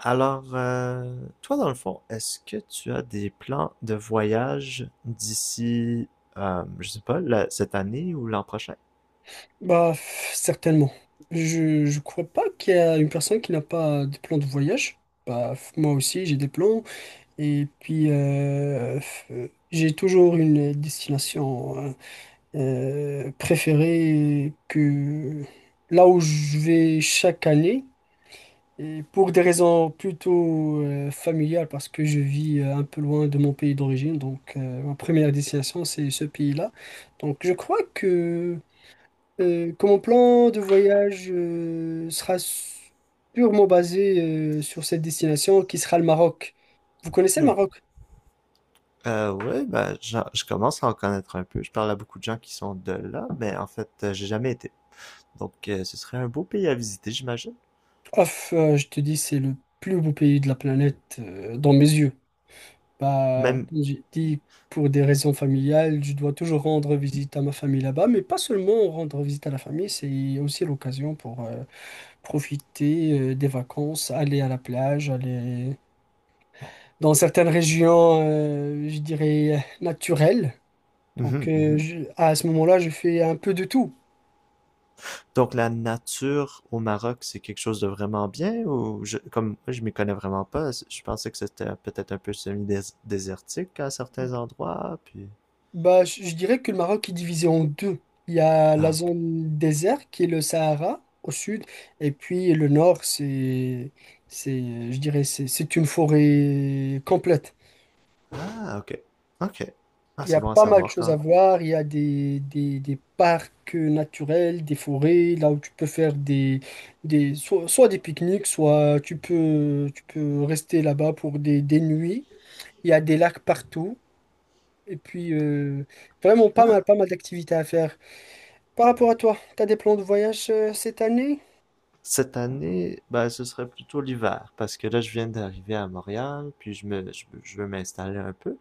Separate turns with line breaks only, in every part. Alors, toi, dans le fond, est-ce que tu as des plans de voyage d'ici, je sais pas, cette année ou l'an prochain?
Bah, pff, certainement. Je crois pas qu'il y a une personne qui n'a pas des plans de voyage. Bah, pff, moi aussi, j'ai des plans. Et puis, j'ai toujours une destination préférée que là où je vais chaque année. Et pour des raisons plutôt familiales, parce que je vis un peu loin de mon pays d'origine. Donc, ma première destination, c'est ce pays-là. Donc, je crois que mon plan de voyage sera purement basé sur cette destination qui sera le Maroc. Vous connaissez le
Hmm.
Maroc?
Ouais, ben, je commence à en connaître un peu. Je parle à beaucoup de gens qui sont de là, mais en fait, j'ai jamais été. Donc, ce serait un beau pays à visiter, j'imagine.
Ouf, je te dis, c'est le plus beau pays de la planète dans mes yeux. Bah,
Même.
comme j'ai dit, pour des raisons familiales, je dois toujours rendre visite à ma famille là-bas, mais pas seulement rendre visite à la famille, c'est aussi l'occasion pour profiter des vacances, aller à la plage, aller dans certaines régions, je dirais, naturelles. Donc
Mhm,
euh,
mhm.
je- à ce moment-là, je fais un peu de tout.
Donc, la nature au Maroc, c'est quelque chose de vraiment bien ou comme moi, je m'y connais vraiment pas, je pensais que c'était peut-être un peu semi-désertique à certains endroits, puis.
Bah, je dirais que le Maroc est divisé en deux. Il y a la
Ah, ok.
zone désert qui est le Sahara au sud, et puis le nord, c'est, je dirais, c'est une forêt complète.
Ah, ok. Ok. Ah,
Il y
c'est
a
bon à
pas mal de
savoir
choses
quand
à
même.
voir. Il y a des parcs naturels, des forêts, là où tu peux faire soit des pique-niques, soit tu peux rester là-bas pour des nuits. Il y a des lacs partout. Et puis, vraiment pas mal,
Ah,
pas mal d'activités à faire. Par rapport à toi, t'as des plans de voyage cette année?
cette année, ben, ce serait plutôt l'hiver, parce que là, je viens d'arriver à Montréal, puis je veux m'installer un peu.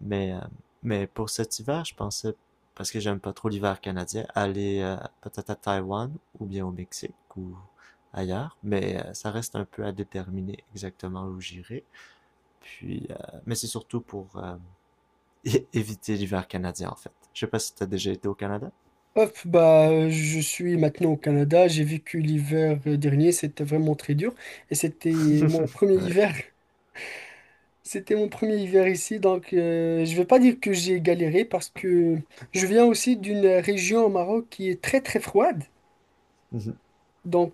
Mais, euh, mais pour cet hiver, je pensais, parce que j'aime pas trop l'hiver canadien, aller peut-être à Taïwan, ou bien au Mexique, ou ailleurs. Mais ça reste un peu à déterminer exactement où j'irai. Puis, mais c'est surtout pour éviter l'hiver canadien, en fait. Je sais pas si t'as déjà été au Canada.
Je suis maintenant au Canada. J'ai vécu l'hiver dernier. C'était vraiment très dur. Et c'était mon premier
Ouais.
hiver. C'était mon premier hiver ici. Donc, je vais pas dire que j'ai galéré parce que je viens aussi d'une région au Maroc qui est très, très froide.
Mhm.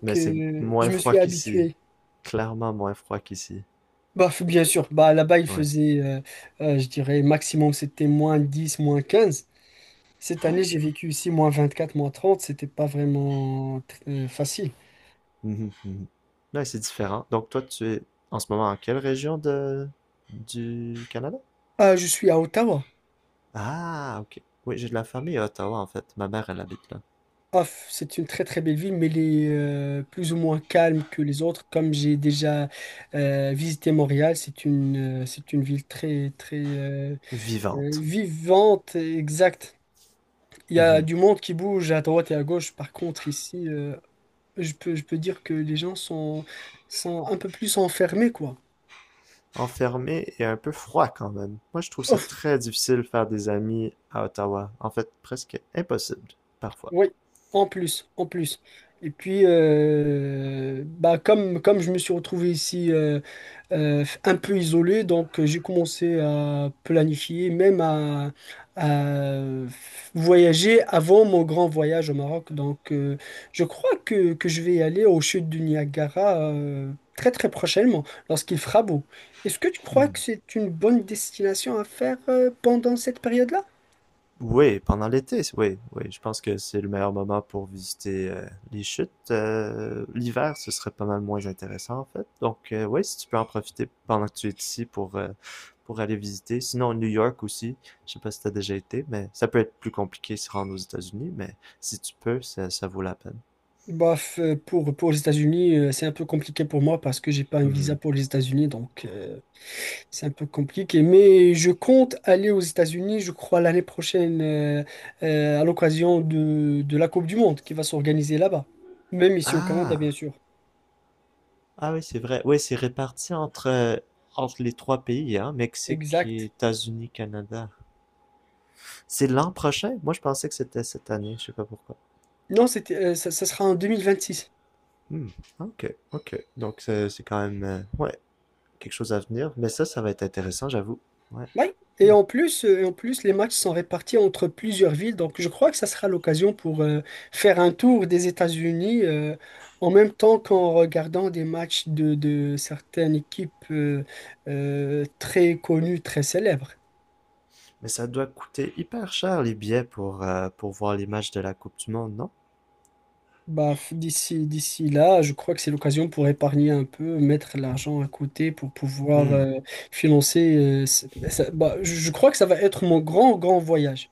Mais c'est moins
je me
froid
suis
qu'ici.
habitué.
Clairement moins froid qu'ici.
Bah, f- bien sûr. Bah, là-bas, il
Ouais.
faisait, je dirais, maximum, c'était moins 10 moins quinze. Cette année,
Ok.
j'ai vécu ici moins 24, moins 30. C'était pas vraiment facile.
Mhm, mhm. Ouais, c'est différent. Donc toi, tu es en ce moment en quelle région de du Canada?
Ah, je suis à Ottawa.
Ah, ok. Oui, j'ai de la famille à Ottawa, en fait. Ma mère, elle habite là.
Ah, f- c'est une très très belle ville, mais elle est plus ou moins calme que les autres. Comme j'ai déjà visité Montréal, c'est une ville très très
Vivante.
vivante, et exacte. Il y a
Mhm.
du monde qui bouge à droite et à gauche. Par contre, ici, je peux dire que les gens sont un peu plus enfermés, quoi.
Enfermée et un peu froid quand même. Moi, je trouve ça
Oh,
très difficile de faire des amis à Ottawa. En fait, presque impossible, parfois.
oui, en plus, en plus. Et puis, bah, comme je me suis retrouvé ici un peu isolé, donc j'ai commencé à planifier, même à voyager avant mon grand voyage au Maroc. Donc, je crois que je vais aller aux chutes du Niagara très très prochainement, lorsqu'il fera beau. Est-ce que tu crois que
Mhm.
c'est une bonne destination à faire pendant cette période-là?
Oui, pendant l'été, oui, oui, je pense que c'est le meilleur moment pour visiter les chutes. L'hiver, ce serait pas mal moins intéressant en fait. Donc oui, si tu peux en profiter pendant que tu es ici pour aller visiter. Sinon, New York aussi, je sais pas si t'as déjà été, mais ça peut être plus compliqué de se rendre aux États-Unis, mais si tu peux, ça vaut la peine.
Bah, pour les États-Unis, c'est un peu compliqué pour moi parce que j'ai pas un visa
Mhm.
pour les États-Unis, donc c'est un peu compliqué. Mais je compte aller aux États-Unis, je crois, l'année prochaine, à l'occasion de la Coupe du Monde qui va s'organiser là-bas. Même ici au Canada, bien
Ah,
sûr.
ah oui, c'est vrai. Oui, c'est réparti entre entre les trois pays, hein, Mexique, et
Exact.
États-Unis, Canada. C'est l'an prochain? Moi, je pensais que c'était cette année, je sais pas pourquoi.
Non, c'était, ça, ça sera en 2026.
Hmm. Ok, ok. Donc, c'est quand même, ouais, quelque chose à venir. Mais ça va être intéressant, j'avoue. Ouais.
Oui, et
Hmm.
en plus, les matchs sont répartis entre plusieurs villes, donc je crois que ça sera l'occasion pour faire un tour des États-Unis en même temps qu'en regardant des matchs de certaines équipes très connues, très célèbres.
Mais ça doit coûter hyper cher les billets pour voir les matchs de la Coupe du Monde, non?
Bah, d'ici là, je crois que c'est l'occasion pour épargner un peu, mettre l'argent à côté pour pouvoir
Hmm.
financer. Je crois que ça va être mon grand, grand voyage.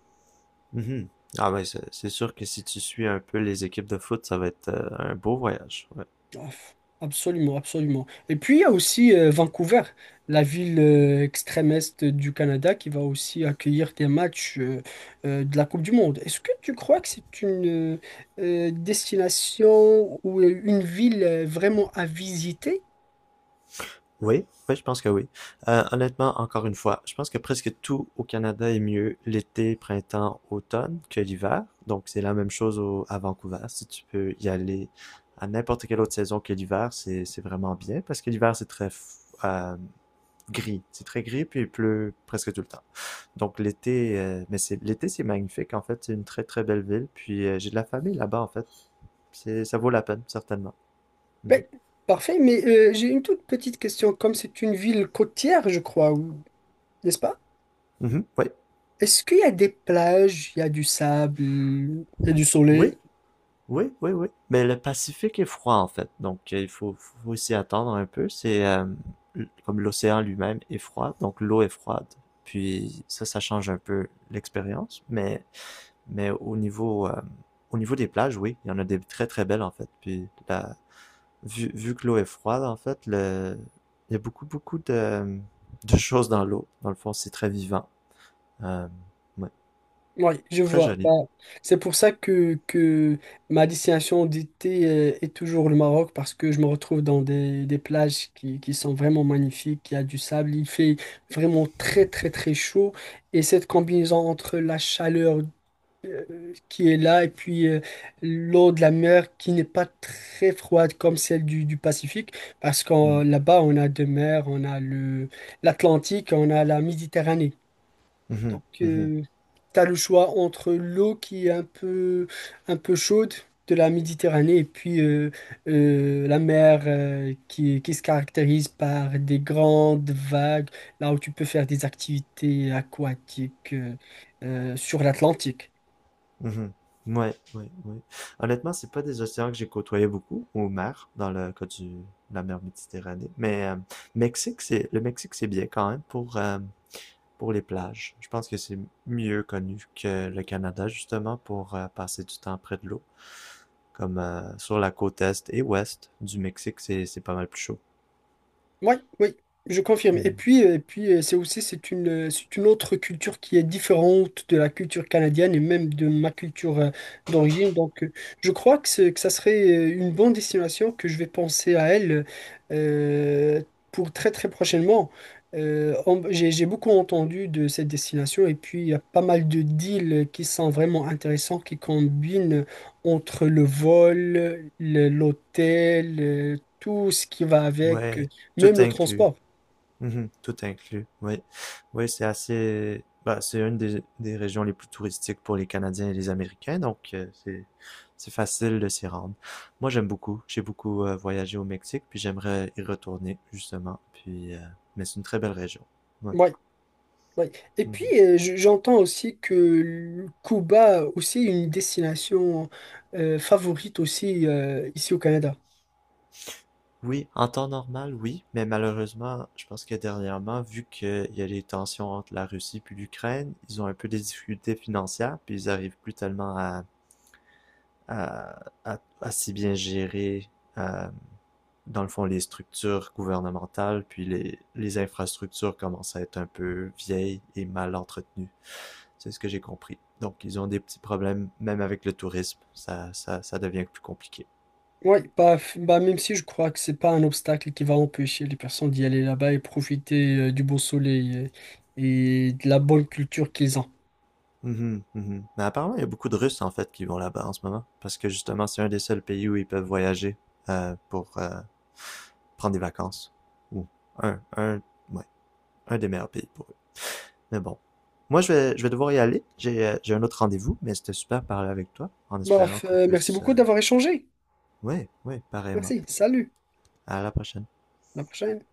Mhm. Ah, ouais, c'est sûr que si tu suis un peu les équipes de foot, ça va être un beau voyage. Ouais.
Ouf, absolument, absolument. Et puis il y a aussi Vancouver, la ville extrême est du Canada, qui va aussi accueillir des matchs de la Coupe du Monde. Est-ce que tu crois que c'est une destination ou une ville vraiment à visiter?
Oui, oui, je pense que oui. Honnêtement, encore une fois, je pense que presque tout au Canada est mieux l'été, printemps, automne que l'hiver. Donc, c'est la même chose à Vancouver. Si tu peux y aller à n'importe quelle autre saison que l'hiver, c'est vraiment bien parce que l'hiver, c'est très gris. C'est très gris, puis il pleut presque tout le temps. Donc, l'été, mais c'est l'été, c'est magnifique. En fait, c'est une très, très belle ville. Puis, j'ai de la famille là-bas, en fait. Ça vaut la peine, certainement. Mhm.
Ben, parfait, mais j'ai une toute petite question. Comme c'est une ville côtière, je crois, ou- n'est-ce pas?
Mhm, oui.
Est-ce qu'il y a des plages, il y a du sable, il y a du
Oui,
soleil?
Oui, oui, oui. Mais le Pacifique est froid en fait, donc il faut, faut s'y attendre un peu. C'est comme l'océan lui-même est froid, donc l'eau est froide. Puis ça change un peu l'expérience, mais au niveau des plages, oui, il y en a des très très belles en fait. Puis la vu que l'eau est froide en fait, le il y a beaucoup de choses dans l'eau. Dans le fond, c'est très vivant. Euh, ouais,
Oui, je
très
vois. Bah,
joli.
c'est pour ça que ma destination d'été est toujours le Maroc, parce que je me retrouve dans des plages qui sont vraiment magnifiques, il y a du sable, il fait vraiment très très très chaud, et cette combinaison entre la chaleur qui est là et puis l'eau de la mer qui n'est pas très froide comme celle du Pacifique, parce que
Mhm.
là-bas on a deux mers, on a le l'Atlantique, on a la Méditerranée.
Mhm,
Donc,
mhm.
t'as le choix entre l'eau qui est un peu chaude de la Méditerranée et puis la mer qui se caractérise par des grandes vagues, là où tu peux faire des activités aquatiques sur l'Atlantique.
Mhm. Ouais, ouais, ouais. Honnêtement, c'est pas des océans que j'ai côtoyé beaucoup, au mer, dans le cas de la mer Méditerranée. Mais le Mexique, c'est bien quand même pour les plages. Je pense que c'est mieux connu que le Canada, justement, pour passer du temps près de l'eau. Comme sur la côte est et ouest du Mexique, c'est pas mal plus chaud.
Oui, oui, je confirme. Et
Mhm.
puis, c'est aussi c'est une autre culture qui est différente de la culture canadienne et même de ma culture d'origine. Donc, je crois que ça serait une bonne destination que je vais penser à elle euh, pour très très prochainement. J'ai beaucoup entendu de cette destination et puis il y a pas mal de deals qui sont vraiment intéressants, qui combinent entre le vol, l'hôtel, tout ce qui va avec.
Ouais, tout
Même le
inclus.
transport.
Mhm. Tout inclus, oui. Oui, c'est assez. Bah, c'est une des régions les plus touristiques pour les Canadiens et les Américains, donc c'est facile de s'y rendre. Moi, j'aime beaucoup. J'ai beaucoup voyagé au Mexique, puis j'aimerais y retourner, justement. Puis, mais c'est une très belle région. Ouais.
Ouais, ouais. Et puis,
Mhm.
j'entends aussi que le Cuba aussi est une destination favorite aussi ici au Canada.
Oui, en temps normal, oui, mais malheureusement, je pense que dernièrement, vu qu'il y a les tensions entre la Russie puis l'Ukraine, ils ont un peu des difficultés financières, puis ils arrivent plus tellement à à si bien gérer, euh, dans le fond, les structures gouvernementales, puis les infrastructures commencent à être un peu vieilles et mal entretenues. C'est ce que j'ai compris. Donc, ils ont des petits problèmes, même avec le tourisme. Ça devient plus compliqué.
Ouais, bah, f- bah, même si je crois que c'est pas un obstacle qui va empêcher les personnes d'y aller là-bas et profiter du beau soleil et de la bonne culture qu'ils ont.
Mhm, mhm. Mais apparemment, il y a beaucoup de Russes, en fait, qui vont là-bas en ce moment. Parce que justement, c'est un des seuls pays où ils peuvent voyager pour prendre des vacances. Ou un, un, ouais, un des meilleurs pays pour Mais bon. Moi, je vais devoir y aller. J'ai un autre rendez-vous, mais c'était super de parler avec toi, en espérant
Bref,
qu'on
merci
puisse...
beaucoup d'avoir échangé.
Ouais, ouais, pareillement.
Merci, salut,
À la prochaine.
à la prochaine.